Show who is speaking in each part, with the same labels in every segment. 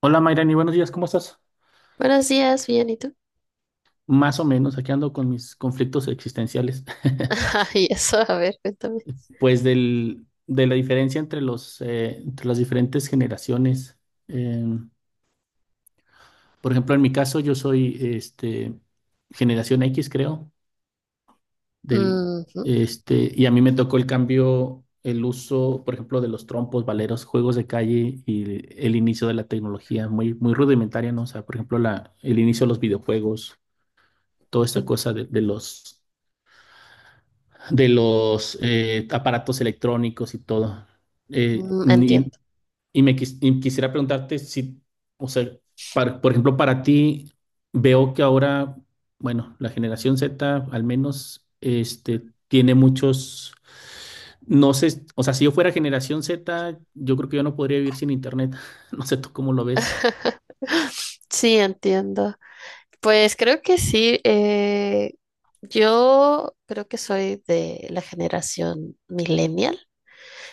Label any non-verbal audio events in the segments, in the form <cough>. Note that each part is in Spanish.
Speaker 1: Hola Mayrani, buenos días, ¿cómo estás?
Speaker 2: Buenos días, bien, ¿y tú?
Speaker 1: Más o menos, aquí ando con mis conflictos existenciales. <laughs>
Speaker 2: <laughs> Y eso, a ver, cuéntame.
Speaker 1: Pues de la diferencia entre entre las diferentes generaciones. Eh, por ejemplo, en mi caso yo soy generación X, creo, del,
Speaker 2: Ujú,
Speaker 1: y a mí me tocó el cambio, el uso, por ejemplo, de los trompos, valeros, juegos de calle y el inicio de la tecnología, muy, muy rudimentaria, ¿no? O sea, por ejemplo, el inicio de los videojuegos, toda esta cosa de los aparatos electrónicos y todo. Eh,
Speaker 2: mm,
Speaker 1: y,
Speaker 2: entiendo.
Speaker 1: y quisiera preguntarte si, o sea, por ejemplo, para ti, veo que ahora, bueno, la generación Z al menos, tiene muchos, no sé, o sea, si yo fuera generación Z, yo creo que yo no podría vivir sin internet. <laughs> No sé tú cómo lo ves.
Speaker 2: <laughs> Sí, entiendo. Pues creo que sí. Yo creo que soy de la generación millennial.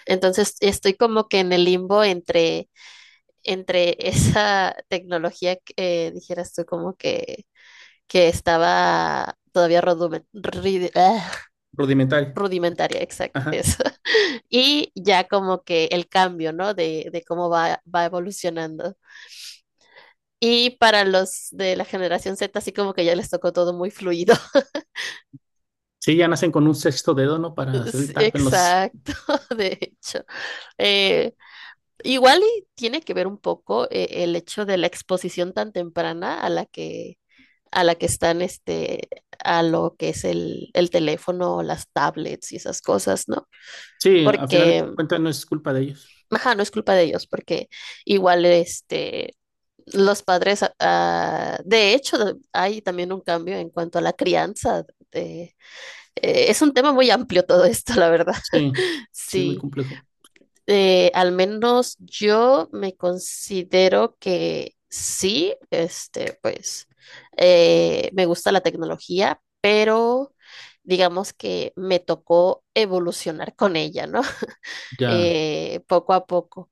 Speaker 2: Entonces estoy como que en el limbo entre, entre <laughs> esa tecnología que dijeras tú como que estaba todavía
Speaker 1: Rudimentario.
Speaker 2: rudimentaria, exacto,
Speaker 1: Ajá.
Speaker 2: eso. Y ya como que el cambio, ¿no? De cómo va evolucionando. Y para los de la generación Z, así como que ya les tocó todo muy fluido. <laughs>
Speaker 1: Sí, ya nacen con un sexto dedo, ¿no? Para hacer el
Speaker 2: Sí,
Speaker 1: tap en los...
Speaker 2: exacto, de hecho. Eh, Igual y tiene que ver un poco el hecho de la exposición tan temprana a la que están, este, a lo que es el teléfono, las tablets y esas cosas, ¿no?
Speaker 1: Sí, a final de
Speaker 2: Porque,
Speaker 1: cuentas no es culpa de ellos.
Speaker 2: ajá, no es culpa de ellos, porque igual, este, los padres, de hecho, hay también un cambio en cuanto a la crianza. de- es un tema muy amplio todo esto, <laughs> la verdad.
Speaker 1: Sí, sí es muy
Speaker 2: Sí,
Speaker 1: complejo.
Speaker 2: Al menos yo me considero que sí, este, pues, me gusta la tecnología, pero digamos que me tocó evolucionar con ella, ¿no?
Speaker 1: Ya.
Speaker 2: Poco a poco.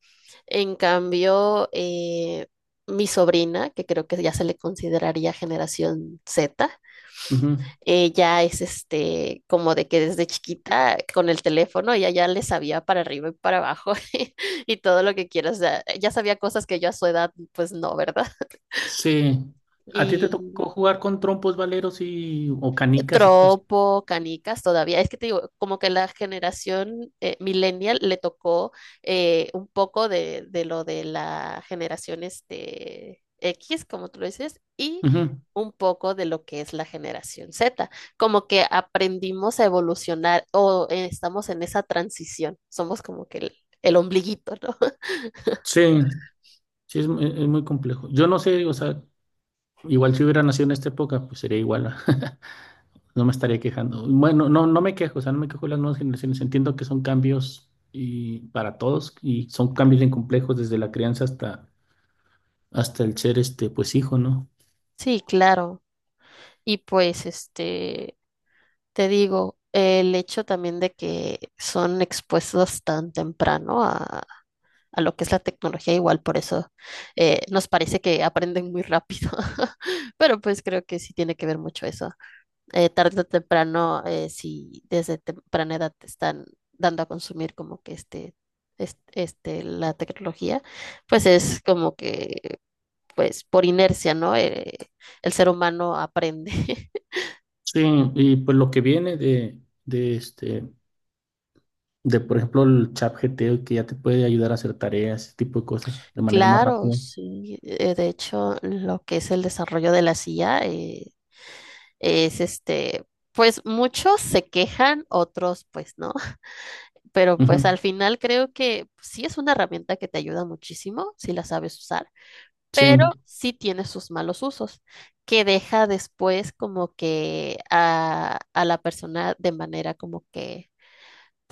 Speaker 2: En cambio, mi sobrina, que creo que ya se le consideraría generación Z,
Speaker 1: Ujú.
Speaker 2: ella es este, como de que desde chiquita con el teléfono ella ya le sabía para arriba y para abajo <laughs> y todo lo que quieras. O sea, ya sabía cosas que yo a su edad, pues no, ¿verdad?
Speaker 1: Sí. ¿A ti te
Speaker 2: Y
Speaker 1: tocó jugar con trompos, valeros y o canicas o cosas
Speaker 2: tropo, canicas todavía. Es que te digo, como que la generación millennial le tocó un poco de lo de la generación este, X, como tú lo dices, y
Speaker 1: así? Ujú.
Speaker 2: un poco de lo que es la generación Z. Como que aprendimos a evolucionar o estamos en esa transición. Somos como que el ombliguito, ¿no? <laughs>
Speaker 1: Sí, sí es, es muy complejo. Yo no sé, o sea, igual si hubiera nacido en esta época, pues sería igual. <laughs> No me estaría quejando. Bueno, no, no me quejo, o sea, no me quejo de las nuevas generaciones. Entiendo que son cambios y para todos y son cambios bien complejos desde la crianza hasta el ser este pues hijo, ¿no?
Speaker 2: Sí, claro. Y pues, este, te digo, el hecho también de que son expuestos tan temprano a lo que es la tecnología, igual por eso nos parece que aprenden muy rápido, <laughs> pero pues creo que sí tiene que ver mucho eso. Tarde o temprano, si desde temprana edad te están dando a consumir como que este, este, la tecnología, pues es como que, pues por inercia, ¿no? El ser humano aprende. <laughs>
Speaker 1: Sí, y pues lo que viene de de este por ejemplo, el chat GTO que ya te puede ayudar a hacer tareas, ese tipo de cosas, de manera más
Speaker 2: Claro,
Speaker 1: rápida.
Speaker 2: sí. De hecho, lo que es el desarrollo de la silla es este, pues muchos se quejan, otros pues no, <laughs> pero pues al
Speaker 1: Ujú.
Speaker 2: final creo que sí es una herramienta que te ayuda muchísimo si la sabes usar, pero
Speaker 1: Sí,
Speaker 2: sí tiene sus malos usos, que deja después como que a la persona de manera como que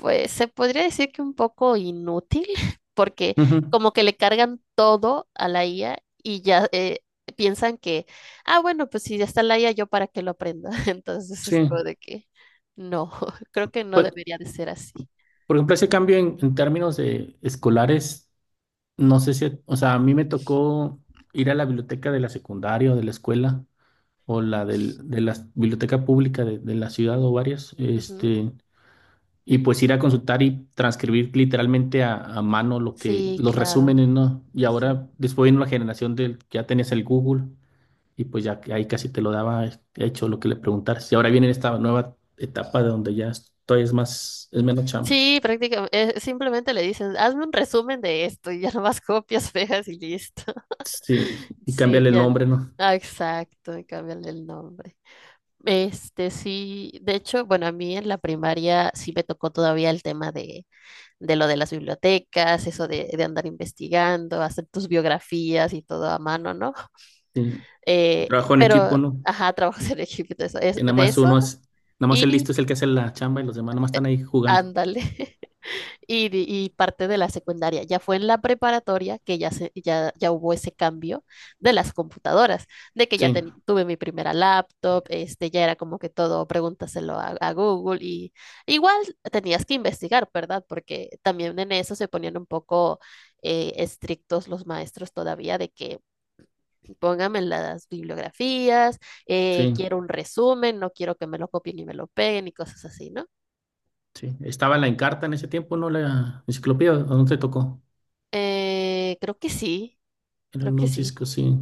Speaker 2: se podría decir que un poco inútil, <laughs> porque
Speaker 1: ujú,
Speaker 2: como que le cargan todo a la IA y ya piensan que, ah, bueno, pues si ya está la IA, yo para qué lo aprenda. <laughs> Entonces es como
Speaker 1: sí.
Speaker 2: de que no, <laughs> creo que no
Speaker 1: Pues,
Speaker 2: debería de ser así.
Speaker 1: por ejemplo, ese cambio en términos de escolares, no sé si, o sea, a mí me tocó ir a la biblioteca de la secundaria o de la escuela o de la biblioteca pública de la ciudad o varias,
Speaker 2: Ujú.
Speaker 1: y pues ir a consultar y transcribir literalmente a mano lo que,
Speaker 2: Sí,
Speaker 1: los
Speaker 2: claro.
Speaker 1: resúmenes, ¿no? Y
Speaker 2: Sí,
Speaker 1: ahora, después vino la generación del, que ya tenías el Google. Y pues ya que ahí casi te lo daba hecho lo que le preguntaras. Y ahora viene esta nueva etapa de donde ya es más, es menos chamba.
Speaker 2: sí, prácticamente, simplemente le dicen, hazme un resumen de esto y ya <laughs> nomás copias, pegas y listo.
Speaker 1: Sí,
Speaker 2: <laughs>
Speaker 1: y
Speaker 2: Sí,
Speaker 1: cambiarle el
Speaker 2: ya.
Speaker 1: nombre, ¿no?
Speaker 2: Ah, exacto, y cámbiale el nombre. Este sí, de hecho, bueno, a mí en la primaria sí me tocó todavía el tema de lo de las bibliotecas, eso de andar investigando, hacer tus biografías y todo a mano, ¿no?
Speaker 1: Sí, trabajo en
Speaker 2: Pero,
Speaker 1: equipo, ¿no?
Speaker 2: ajá, <laughs> trabajos en equipo, de eso,
Speaker 1: Que nada
Speaker 2: de
Speaker 1: más
Speaker 2: eso
Speaker 1: uno es, nada más el
Speaker 2: y
Speaker 1: listo es el que hace la chamba y los demás nada más
Speaker 2: eh,
Speaker 1: están ahí jugando.
Speaker 2: ándale. <laughs> Y, y parte de la secundaria. Ya fue en la preparatoria que ya, se, ya, ya hubo ese cambio de las computadoras, de que ya
Speaker 1: Sí,
Speaker 2: tuve mi primera laptop, este, ya era como que todo, pregúntaselo a Google y igual tenías que investigar, ¿verdad? Porque también en eso se ponían un poco estrictos los maestros todavía de que pónganme las bibliografías,
Speaker 1: sí,
Speaker 2: quiero un resumen, no quiero que me lo copien y me lo peguen y cosas así, ¿no?
Speaker 1: sí. Estaba en la Encarta en ese tiempo, ¿no? La enciclopedia, ¿a dónde te tocó?
Speaker 2: Creo que sí, creo
Speaker 1: En
Speaker 2: que
Speaker 1: un
Speaker 2: sí.
Speaker 1: Cisco, sí,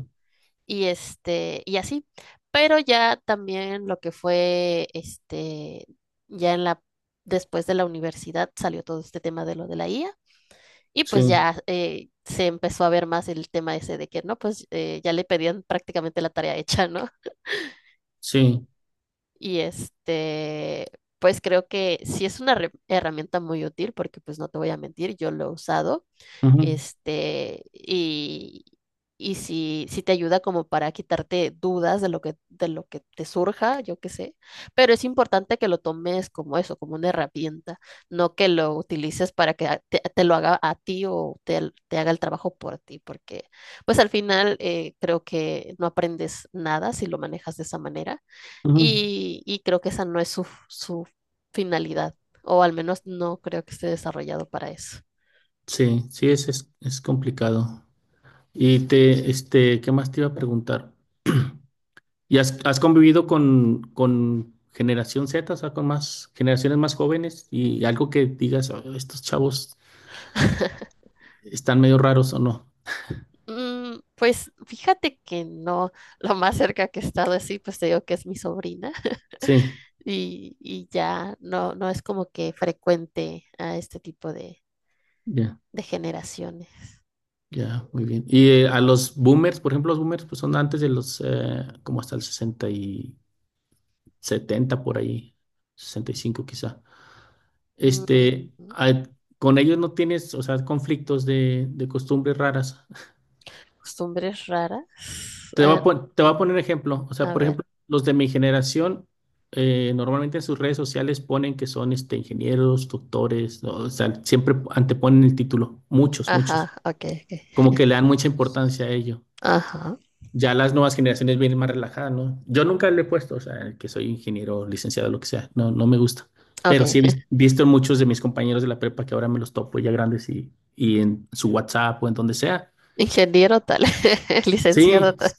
Speaker 2: Y este, y así. Pero ya también lo que fue, este, ya en la, después de la universidad salió todo este tema de lo de la IA. Y pues
Speaker 1: sí,
Speaker 2: ya se empezó a ver más el tema ese de que, no, pues ya le pedían prácticamente la tarea <laughs> hecha, ¿no?
Speaker 1: sí.
Speaker 2: Y este, pues creo que sí es una herramienta muy útil porque pues no te voy a mentir, yo lo he usado.
Speaker 1: Ujú,
Speaker 2: Este, y sí, sí te ayuda como para quitarte dudas de lo que te surja, yo qué sé. Pero es importante que lo tomes como eso, como una herramienta, no que lo utilices para que te, te lo haga a ti o te haga el trabajo por ti, porque pues al final creo que no aprendes nada si lo manejas de esa manera
Speaker 1: ujú.
Speaker 2: y creo que esa no es su, su finalidad, o al menos no creo que esté desarrollado para eso.
Speaker 1: Sí, sí, es complicado. Y te, ¿qué más te iba a preguntar? ¿Y has, has convivido con generación Z, o sea, con más generaciones más jóvenes y algo que digas, "Oh, estos chavos
Speaker 2: <laughs>
Speaker 1: están medio raros o no"?
Speaker 2: Mm, pues fíjate que no, lo más cerca que he estado así, pues te digo que es mi sobrina
Speaker 1: Sí,
Speaker 2: <laughs> y ya no, no es como que frecuente a este tipo
Speaker 1: ya,
Speaker 2: de generaciones.
Speaker 1: ya, muy bien. Y a los boomers, por ejemplo, los boomers pues son antes de los, como hasta el 60 y 70 por ahí, 65 quizá. Este,
Speaker 2: Mm,
Speaker 1: a- con ellos no tienes, o sea, conflictos de costumbres raras.
Speaker 2: costumbres raras.
Speaker 1: Te voy
Speaker 2: Ah,
Speaker 1: a, te voy a
Speaker 2: no,
Speaker 1: poner ejemplo. O sea,
Speaker 2: a
Speaker 1: por
Speaker 2: ver.
Speaker 1: ejemplo, los de mi generación normalmente en sus redes sociales ponen que son ingenieros, doctores, ¿no? O sea, siempre anteponen el título. Muchos, muchos.
Speaker 2: Ajá, ok, ok.
Speaker 1: Como que le dan mucha importancia a ello.
Speaker 2: Ajá,
Speaker 1: Ya las nuevas generaciones vienen más relajadas, ¿no? Yo nunca le he puesto, o sea, que soy ingeniero, licenciado, lo que sea. No, no me gusta.
Speaker 2: ok.
Speaker 1: Pero sí he
Speaker 2: <laughs>
Speaker 1: visto en muchos de mis compañeros de la prepa que ahora me los topo ya grandes y en su WhatsApp o en donde sea.
Speaker 2: Ingeniero tal, <laughs> licenciado
Speaker 1: Sí,
Speaker 2: tal.
Speaker 1: es-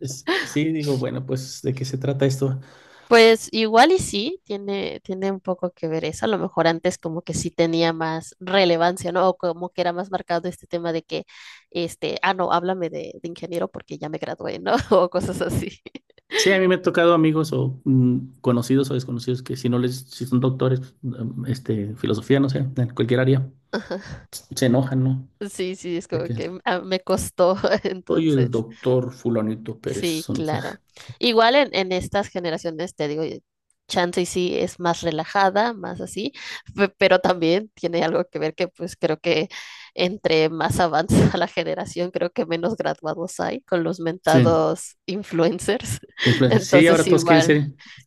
Speaker 1: es- sí, digo, bueno, pues, ¿de qué se trata esto?
Speaker 2: Pues igual y sí, tiene, tiene un poco que ver eso. A lo mejor antes como que sí tenía más relevancia, ¿no? O como que era más marcado este tema de que, este, ah, no, háblame de ingeniero porque ya me gradué, ¿no? <laughs> O cosas así. <laughs>
Speaker 1: Sí, a mí me ha tocado amigos o conocidos o desconocidos que si no les, si son doctores, filosofía, no sé, en cualquier área,
Speaker 2: Ajá.
Speaker 1: se enojan, ¿no?
Speaker 2: Sí, sí, es
Speaker 1: De
Speaker 2: como
Speaker 1: que
Speaker 2: que ah, me costó, <laughs>
Speaker 1: soy el
Speaker 2: entonces.
Speaker 1: doctor fulanito
Speaker 2: Sí,
Speaker 1: Pérez. O no sé.
Speaker 2: claro. Igual en estas generaciones, te digo, chance y sí es más relajada, más así, pero también tiene algo que ver que pues creo que entre más avanza <laughs> la generación, creo que menos graduados hay con los
Speaker 1: Sí,
Speaker 2: mentados influencers. <laughs>
Speaker 1: influencers. Sí,
Speaker 2: Entonces
Speaker 1: ahora todos quieren
Speaker 2: igual,
Speaker 1: ser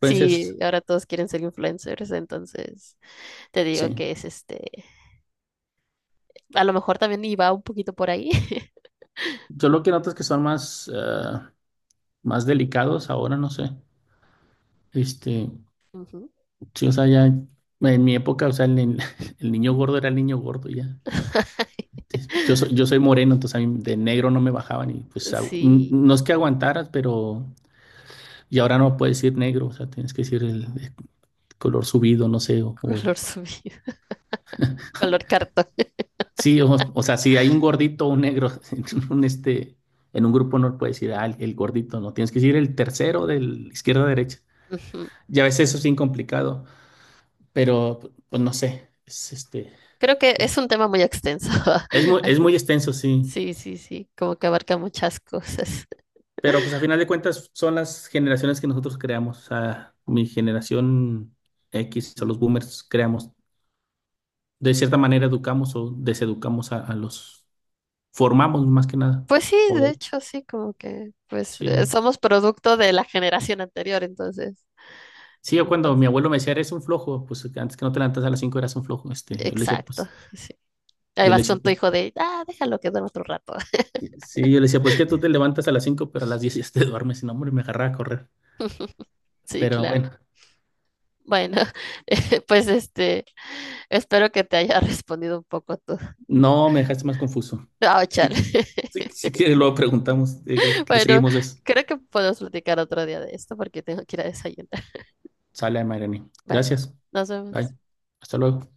Speaker 2: sí, ahora todos quieren ser influencers, entonces te digo
Speaker 1: Sí.
Speaker 2: que es este, a lo mejor también iba un poquito por ahí. <laughs>
Speaker 1: Yo lo que noto es que son más, más delicados ahora, no sé. Este,
Speaker 2: Ujú.
Speaker 1: sí, o sea, ya en mi época, o sea, el, ni- <laughs> el niño gordo era el niño gordo ya. Yo soy moreno, entonces a mí de negro no me bajaban y pues
Speaker 2: Sí,
Speaker 1: no es que aguantaras, pero y ahora no puedes decir negro, o sea, tienes que decir el color subido, no sé, o,
Speaker 2: color subido, <laughs> color cartón.
Speaker 1: sí, o sea, si hay un gordito o un negro <laughs> en un este en un grupo no puedes decir ah, el gordito, no, tienes que decir el tercero del izquierda a derecha.
Speaker 2: <laughs>
Speaker 1: Ya a veces eso es bien complicado, pero pues no sé,
Speaker 2: Creo que
Speaker 1: es,
Speaker 2: es un tema muy extenso.
Speaker 1: es muy
Speaker 2: <laughs>
Speaker 1: extenso, sí.
Speaker 2: Sí, sí, sí, como que abarca muchas cosas.
Speaker 1: Pero pues a final de cuentas son las generaciones que nosotros creamos. O sea, mi generación X o los boomers creamos. De cierta manera educamos o deseducamos a los, formamos más que nada.
Speaker 2: Pues sí,
Speaker 1: O
Speaker 2: de
Speaker 1: de-
Speaker 2: hecho, sí, como que pues
Speaker 1: sí.
Speaker 2: somos producto de la generación anterior, entonces,
Speaker 1: Sí, yo cuando
Speaker 2: entonces,
Speaker 1: mi abuelo me decía, eres un flojo, pues que antes que no te levantas a las 5 eras un flojo. Yo le decía,
Speaker 2: exacto,
Speaker 1: pues,
Speaker 2: sí. Ahí
Speaker 1: yo le
Speaker 2: vas
Speaker 1: decía,
Speaker 2: con tu
Speaker 1: pues,
Speaker 2: hijo de, ah, déjalo que duerma otro rato. <laughs>
Speaker 1: sí, yo le decía, pues que tú te levantas a las 5 pero a las 10 ya te <laughs> duermes. Y no, hombre, me agarraba a correr.
Speaker 2: Sí,
Speaker 1: Pero
Speaker 2: claro.
Speaker 1: bueno,
Speaker 2: Bueno, <laughs> pues este, espero que te haya <laughs> respondido un poco tú.
Speaker 1: no me dejaste más confuso.
Speaker 2: Ah, chale.
Speaker 1: Sí,
Speaker 2: <laughs>
Speaker 1: sí, si quieres, luego preguntamos, digo, le
Speaker 2: Bueno,
Speaker 1: seguimos eso.
Speaker 2: creo que podemos platicar otro día de esto porque tengo que ir a desayunar.
Speaker 1: Sale, Mayrani.
Speaker 2: Vale,
Speaker 1: Gracias.
Speaker 2: nos vemos.
Speaker 1: Bye. Hasta luego.